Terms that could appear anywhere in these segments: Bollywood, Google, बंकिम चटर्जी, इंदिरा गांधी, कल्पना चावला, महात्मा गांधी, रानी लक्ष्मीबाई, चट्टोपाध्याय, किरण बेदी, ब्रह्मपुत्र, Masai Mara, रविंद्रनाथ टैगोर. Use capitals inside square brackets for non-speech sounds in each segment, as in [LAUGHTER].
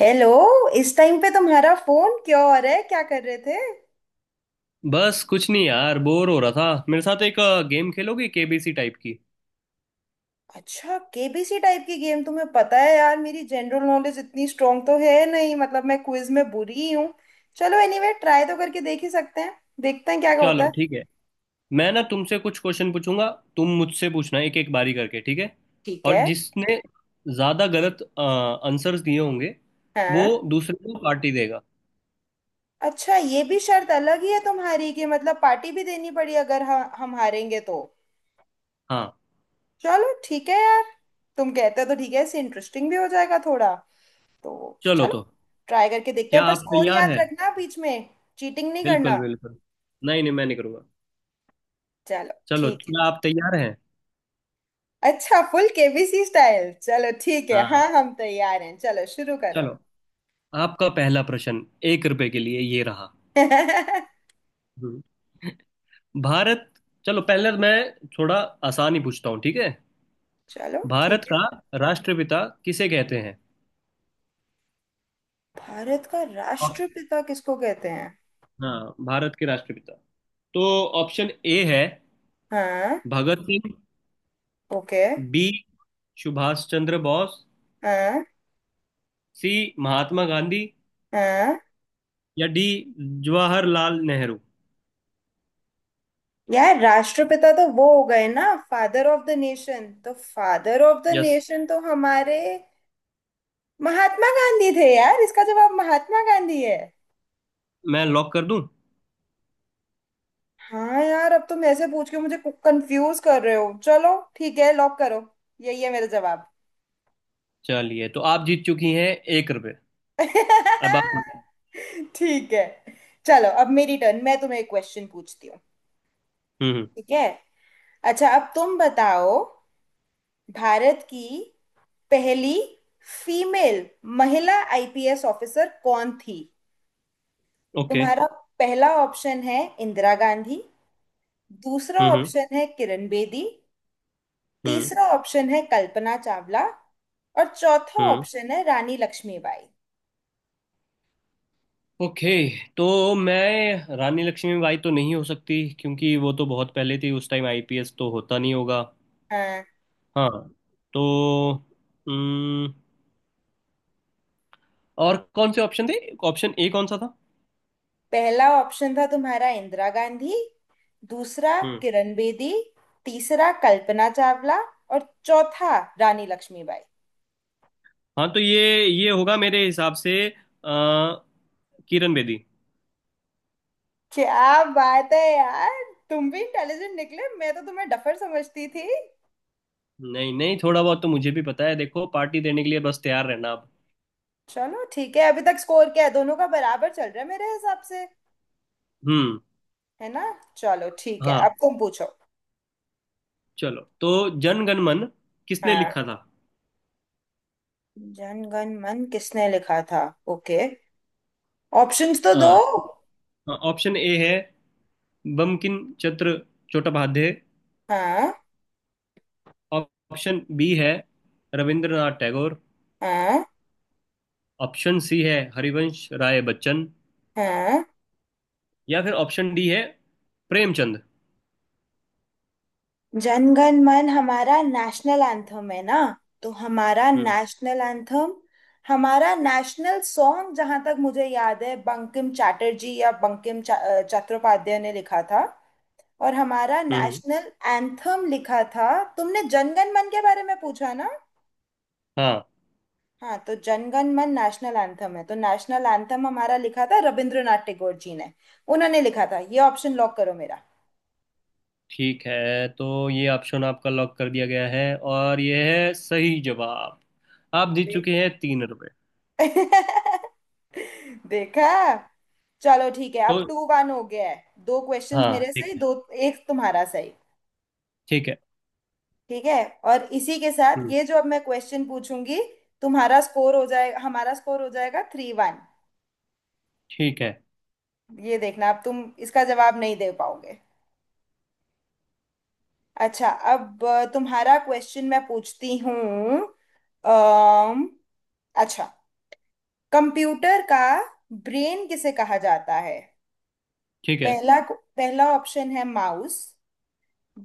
Hello. इस time पे तुम्हारा फोन क्यों आ रहा है, क्या कर रहे थे? बस कुछ नहीं यार, बोर हो रहा था। मेरे साथ एक गेम खेलोगे, केबीसी टाइप की? अच्छा, केबीसी टाइप की गेम। तुम्हें पता है यार, मेरी जनरल नॉलेज इतनी स्ट्रांग तो है नहीं, मतलब मैं क्विज में बुरी ही हूँ। चलो एनीवे ट्राई तो करके देख ही सकते हैं, देखते हैं क्या होता चलो है। ठीक है। मैं ना तुमसे कुछ क्वेश्चन पूछूंगा, तुम मुझसे पूछना, एक एक बारी करके, ठीक है? ठीक है। और जिसने ज्यादा गलत आंसर्स दिए होंगे, वो हाँ। दूसरे को पार्टी देगा। अच्छा, ये भी शर्त अलग ही है तुम्हारी कि मतलब पार्टी भी देनी पड़ी अगर हम हारेंगे तो। हाँ। चलो ठीक है यार, तुम कहते हो तो ठीक है, इससे इंटरेस्टिंग भी हो जाएगा थोड़ा। तो चलो, चलो तो ट्राई करके देखते क्या हैं, पर आप स्कोर तैयार याद हैं? रखना बीच में, चीटिंग नहीं करना। बिल्कुल बिल्कुल। नहीं नहीं, मैं नहीं करूंगा। चलो चलो, ठीक क्या आप तैयार हैं? है। अच्छा फुल केबीसी स्टाइल, चलो ठीक है, हाँ हाँ। हम तैयार हैं, चलो शुरू करो। चलो। आपका पहला प्रश्न, एक रुपए के लिए, ये रहा। [LAUGHS] हम्म। भारत, चलो पहले मैं थोड़ा आसान ही पूछता हूँ, ठीक है? चलो भारत ठीक है। का राष्ट्रपिता किसे कहते हैं? भारत का और- राष्ट्रपिता किसको कहते हैं? हाँ, भारत के राष्ट्रपिता। तो ऑप्शन ए है हाँ। भगत सिंह। ओके। बी, सुभाष चंद्र बोस। हाँ। सी, महात्मा गांधी। हाँ। या डी, जवाहरलाल नेहरू। यार, राष्ट्रपिता तो वो हो गए ना, फादर ऑफ द नेशन। तो father of the yes. Nation तो हमारे महात्मा गांधी थे यार। इसका जवाब महात्मा गांधी है। मैं लॉक कर दूं? हाँ यार, अब तुम ऐसे पूछ के मुझे कंफ्यूज कर रहे हो। चलो ठीक है, लॉक करो, यही है मेरा जवाब। चलिए, तो आप जीत चुकी हैं 1 रुपये। [LAUGHS] अब आप। ठीक है, चलो अब मेरी टर्न, मैं तुम्हें एक क्वेश्चन पूछती हूँ। हम्म, ठीक है। अच्छा, अब तुम बताओ, भारत की पहली फीमेल महिला आईपीएस ऑफिसर कौन थी? ओके। तुम्हारा पहला ऑप्शन है इंदिरा गांधी, दूसरा हम्म ऑप्शन है किरण बेदी, हम्म तीसरा ऑप्शन है कल्पना चावला, और चौथा हम्म ऑप्शन है रानी लक्ष्मीबाई। ओके, तो मैं रानी लक्ष्मीबाई तो नहीं हो सकती, क्योंकि वो तो बहुत पहले थी, उस टाइम आईपीएस तो होता नहीं होगा। हाँ, हाँ। तो हम्म, और कौन से ऑप्शन थे? ऑप्शन ए कौन सा था? पहला ऑप्शन था तुम्हारा इंदिरा गांधी, दूसरा हम्म। किरण बेदी, तीसरा कल्पना चावला, और चौथा रानी लक्ष्मीबाई। हाँ, तो ये होगा मेरे हिसाब से किरण बेदी। क्या बात है यार, तुम भी इंटेलिजेंट निकले, मैं तो तुम्हें डफर समझती थी। नहीं नहीं, थोड़ा बहुत तो मुझे भी पता है। देखो, पार्टी देने के लिए बस तैयार रहना अब। चलो ठीक है, अभी तक स्कोर क्या है, दोनों का बराबर चल रहा है मेरे हिसाब से, हम्म। है ना? चलो ठीक है, हाँ, अब तुम पूछो। चलो, तो जन गण मन किसने हाँ। लिखा था? जन गण मन किसने लिखा था? ओके, ऑप्शंस तो दो। अ, ऑप्शन ए है बंकिम चंद्र चट्टोपाध्याय। हाँ। ऑप्शन बी है रविंद्रनाथ टैगोर। हाँ। ऑप्शन सी है हरिवंश राय बच्चन। हाँ। या फिर ऑप्शन डी है प्रेमचंद। जनगण मन हमारा नेशनल एंथम है ना, तो हमारा हम्म। नेशनल एंथम, हमारा नेशनल सॉन्ग जहां तक मुझे याद है बंकिम चटर्जी या चट्टोपाध्याय ने लिखा था। और हमारा हम्म। नेशनल एंथम लिखा था, तुमने जनगण मन के बारे में पूछा ना? हाँ, हाँ, तो जनगण मन नेशनल एंथम है, तो नेशनल एंथम हमारा लिखा था रविंद्रनाथ टैगोर जी ने, उन्होंने लिखा था। ये ऑप्शन लॉक करो मेरा। ठीक है। तो ये ऑप्शन आपका लॉक कर दिया गया है, और ये है सही जवाब। आप जीत चुके हैं 3 रुपए। [LAUGHS] देखा, चलो ठीक है, अब तो टू वन हो गया है। दो क्वेश्चंस हाँ, मेरे ठीक सही, है। दो। एक तुम्हारा सही। ठीक है। ठीक है। और इसी के साथ हम्म। ये जो अब मैं क्वेश्चन पूछूंगी, तुम्हारा स्कोर हो जाएगा, हमारा स्कोर हो जाएगा थ्री वन। ठीक है। ये देखना, अब तुम इसका जवाब नहीं दे पाओगे। अच्छा, अब तुम्हारा क्वेश्चन मैं पूछती हूँ। अम, अच्छा, कंप्यूटर का ब्रेन किसे कहा जाता है? ठीक है। पहला पहला ऑप्शन है माउस,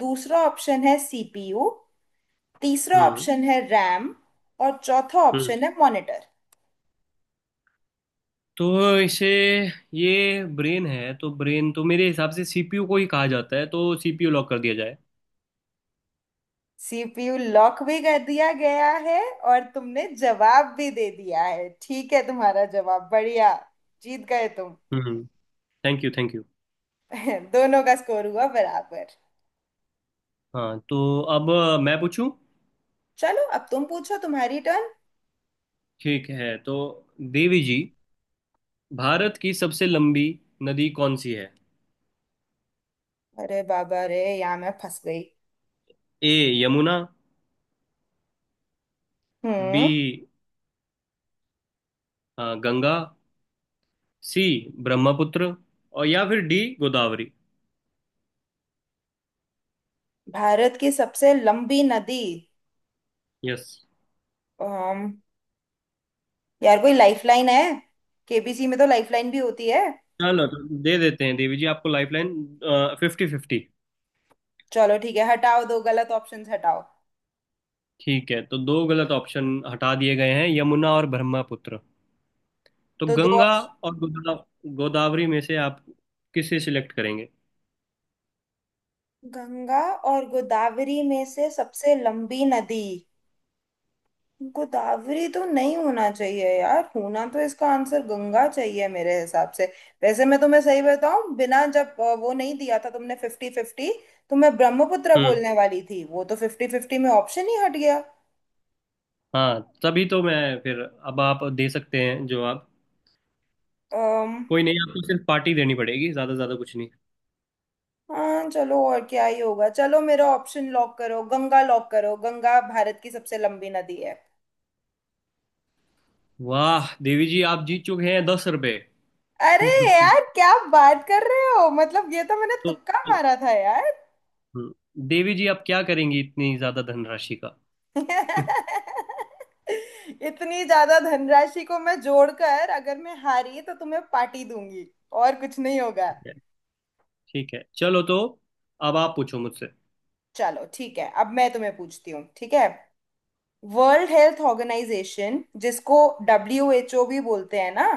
दूसरा ऑप्शन है सीपीयू, तीसरा हम्म। ऑप्शन है रैम, और चौथा हम्म। ऑप्शन है मॉनिटर। तो इसे, ये ब्रेन है, तो ब्रेन तो मेरे हिसाब से सीपीयू को ही कहा जाता है, तो सीपीयू लॉक कर दिया जाए। सीपीयू लॉक भी कर दिया गया है और तुमने जवाब भी दे दिया है, ठीक है तुम्हारा जवाब, बढ़िया, जीत गए तुम। हम्म। Thank you thank you. [LAUGHS] दोनों का स्कोर हुआ बराबर। हाँ, तो अब मैं पूछूं? चलो अब तुम पूछो, तुम्हारी टर्न। ठीक है, तो देवी जी, भारत की सबसे लंबी नदी कौन सी है? अरे बाबा रे, यहाँ मैं फंस गई। A, Yamuna. B, hmm. Ganga. C, ब्रह्मपुत्र। और या फिर डी, गोदावरी। भारत की सबसे लंबी नदी। यस। अम, यार, कोई लाइफलाइन है? केबीसी में तो लाइफलाइन भी होती है। चलो, तो दे देते हैं देवी जी आपको लाइफलाइन, फिफ्टी फिफ्टी। चलो ठीक है, हटाओ, दो गलत ऑप्शंस हटाओ। ठीक है, तो दो गलत ऑप्शन हटा दिए गए हैं, यमुना और ब्रह्मपुत्र। तो तो दो गंगा ऑप्शन, और गोदावरी में से आप किसे सिलेक्ट करेंगे? गंगा और गोदावरी में से सबसे लंबी नदी, गोदावरी तो नहीं होना चाहिए यार, होना तो इसका आंसर गंगा चाहिए मेरे हिसाब से। वैसे मैं तुम्हें सही बताऊं, बिना जब वो नहीं दिया था तुमने फिफ्टी फिफ्टी, तो मैं ब्रह्मपुत्र हम्म। बोलने वाली थी, वो तो फिफ्टी फिफ्टी में ऑप्शन ही हट गया। हाँ, तभी तो मैं फिर। अब आप दे सकते हैं जो आप। अम्म कोई नहीं, आपको सिर्फ पार्टी देनी पड़ेगी, ज्यादा ज्यादा कुछ नहीं। हाँ चलो, और क्या ही होगा, चलो मेरा ऑप्शन लॉक करो, गंगा लॉक करो, गंगा भारत की सबसे लंबी नदी है। वाह देवी जी, आप जीत चुके हैं 10 रुपये। अरे [LAUGHS] यार, क्या बात कर रहे हो, मतलब ये तो मैंने तो तुक्का मारा था यार। हम्म, देवी जी, आप क्या करेंगी इतनी ज्यादा धनराशि का? [LAUGHS] ठीक [LAUGHS] इतनी ज्यादा धनराशि को मैं जोड़कर अगर मैं हारी तो तुम्हें पार्टी दूंगी, और कुछ नहीं होगा। है। ठीक है। चलो, तो अब आप पूछो मुझसे। चलो ठीक है, अब मैं तुम्हें पूछती हूँ, ठीक है। वर्ल्ड हेल्थ ऑर्गेनाइजेशन जिसको डब्ल्यू एच ओ भी बोलते हैं ना,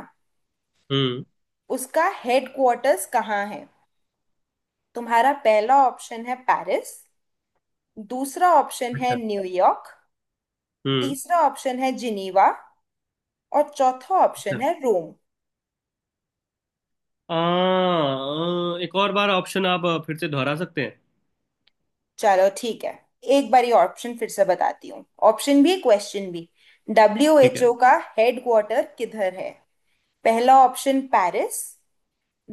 हम्म। उसका हेडक्वार्टर्स कहाँ है? तुम्हारा पहला ऑप्शन है पेरिस, दूसरा ऑप्शन है अच्छा। न्यूयॉर्क, हम्म। तीसरा ऑप्शन है जिनीवा, और चौथा ऑप्शन है रोम। आ, आ, एक और बार ऑप्शन आप फिर से दोहरा सकते हैं? चलो ठीक है, एक बारी ऑप्शन फिर से बताती हूँ, ऑप्शन भी क्वेश्चन भी। डब्ल्यू ठीक एच है। ओ का हेडक्वार्टर किधर है? पहला ऑप्शन पेरिस,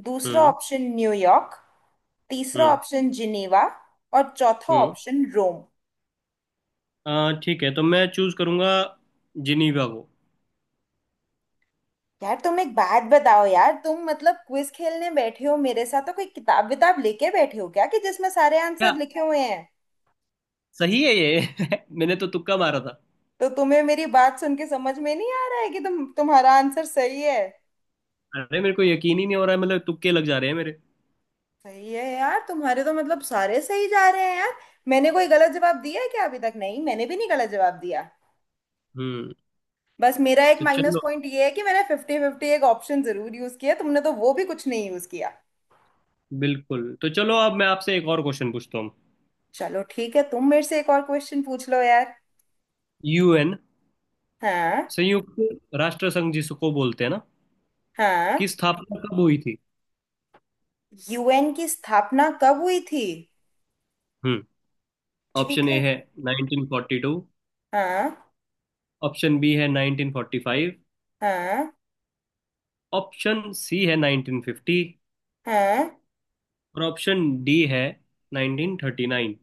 दूसरा हम्म। ऑप्शन न्यूयॉर्क, तीसरा हम्म। ऑप्शन जिनेवा, और चौथा हम्म। ऑप्शन रोम। ठीक है, तो मैं चूज करूंगा जिनीवा को। यार तुम एक बात बताओ यार, तुम मतलब क्विज खेलने बैठे हो मेरे साथ तो कोई किताब विताब लेके बैठे हो क्या, कि जिसमें सारे क्या? आंसर लिखे हुए हैं? सही है ये। [LAUGHS] मैंने तो तुक्का मारा था। तो तुम्हें मेरी बात सुन के समझ में नहीं आ रहा है कि तुम्हारा आंसर सही है। अरे मेरे को यकीन ही नहीं हो रहा है, मतलब तुक्के लग जा रहे हैं मेरे। सही है यार, तुम्हारे तो मतलब सारे सही जा रहे हैं यार। मैंने कोई गलत जवाब दिया है क्या अभी तक? नहीं, मैंने भी नहीं गलत जवाब दिया। हम्म। बस मेरा एक तो माइनस चलो, पॉइंट ये है कि मैंने फिफ्टी फिफ्टी एक ऑप्शन जरूर यूज किया, तुमने तो वो भी कुछ नहीं यूज किया। बिल्कुल। तो चलो, अब मैं आपसे एक और क्वेश्चन पूछता हूँ। चलो ठीक है, तुम मेरे से एक और क्वेश्चन पूछ लो यार। यूएन, हाँ। संयुक्त राष्ट्र संघ जिसको बोलते हैं ना, हाँ। की स्थापना कब हुई थी? यूएन की स्थापना कब हुई थी? हम्म। ठीक ऑप्शन ए है। है 1942। हाँ। ऑप्शन बी है 1945। हाँ। ऑप्शन सी है 1950। हाँ। और ऑप्शन डी है 1939।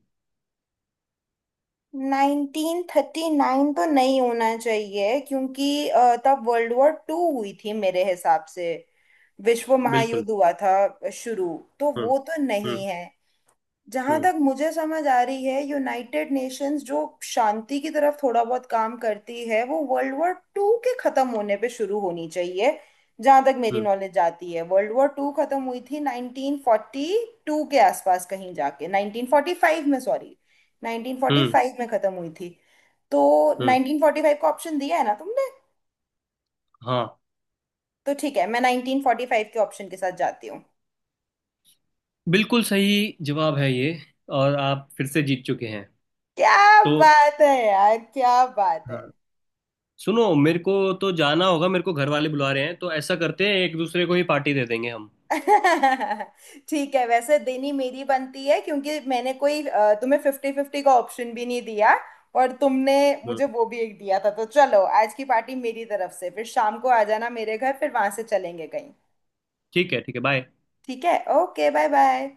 1939 तो नहीं होना चाहिए क्योंकि तब वर्ल्ड वॉर टू हुई थी मेरे हिसाब से, विश्व बिल्कुल। महायुद्ध हुआ था शुरू, तो हम्म। वो तो नहीं हम्म। है। जहां हम्म। तक मुझे समझ आ रही है, यूनाइटेड नेशंस जो शांति की तरफ थोड़ा बहुत काम करती है, वो वर्ल्ड वॉर टू के खत्म होने पे शुरू होनी चाहिए। जहां तक मेरी हम्म। नॉलेज जाती है, वर्ल्ड वॉर टू खत्म हुई थी 1942 के आसपास कहीं जाके, 1945 में, सॉरी, हम्म। 1945 में खत्म हुई थी। तो हम्म, 1945 का ऑप्शन दिया है ना तुमने? हाँ, तो ठीक है, मैं 1945 के ऑप्शन के साथ जाती हूँ। बिल्कुल सही जवाब है ये, और आप फिर से जीत चुके हैं। क्या तो बात है यार, क्या बात है। हाँ, सुनो, मेरे को तो जाना होगा, मेरे को घर वाले बुला रहे हैं, तो ऐसा करते हैं, एक दूसरे को ही पार्टी दे देंगे हम। [LAUGHS] ठीक है, वैसे देनी मेरी बनती है क्योंकि मैंने कोई तुम्हें फिफ्टी फिफ्टी का ऑप्शन भी नहीं दिया, और तुमने हम्म। मुझे वो भी एक दिया था। तो चलो आज की पार्टी मेरी तरफ से, फिर शाम को आ जाना मेरे घर, फिर वहां से चलेंगे कहीं। ठीक है। ठीक है। बाय। ठीक है, ओके बाय बाय।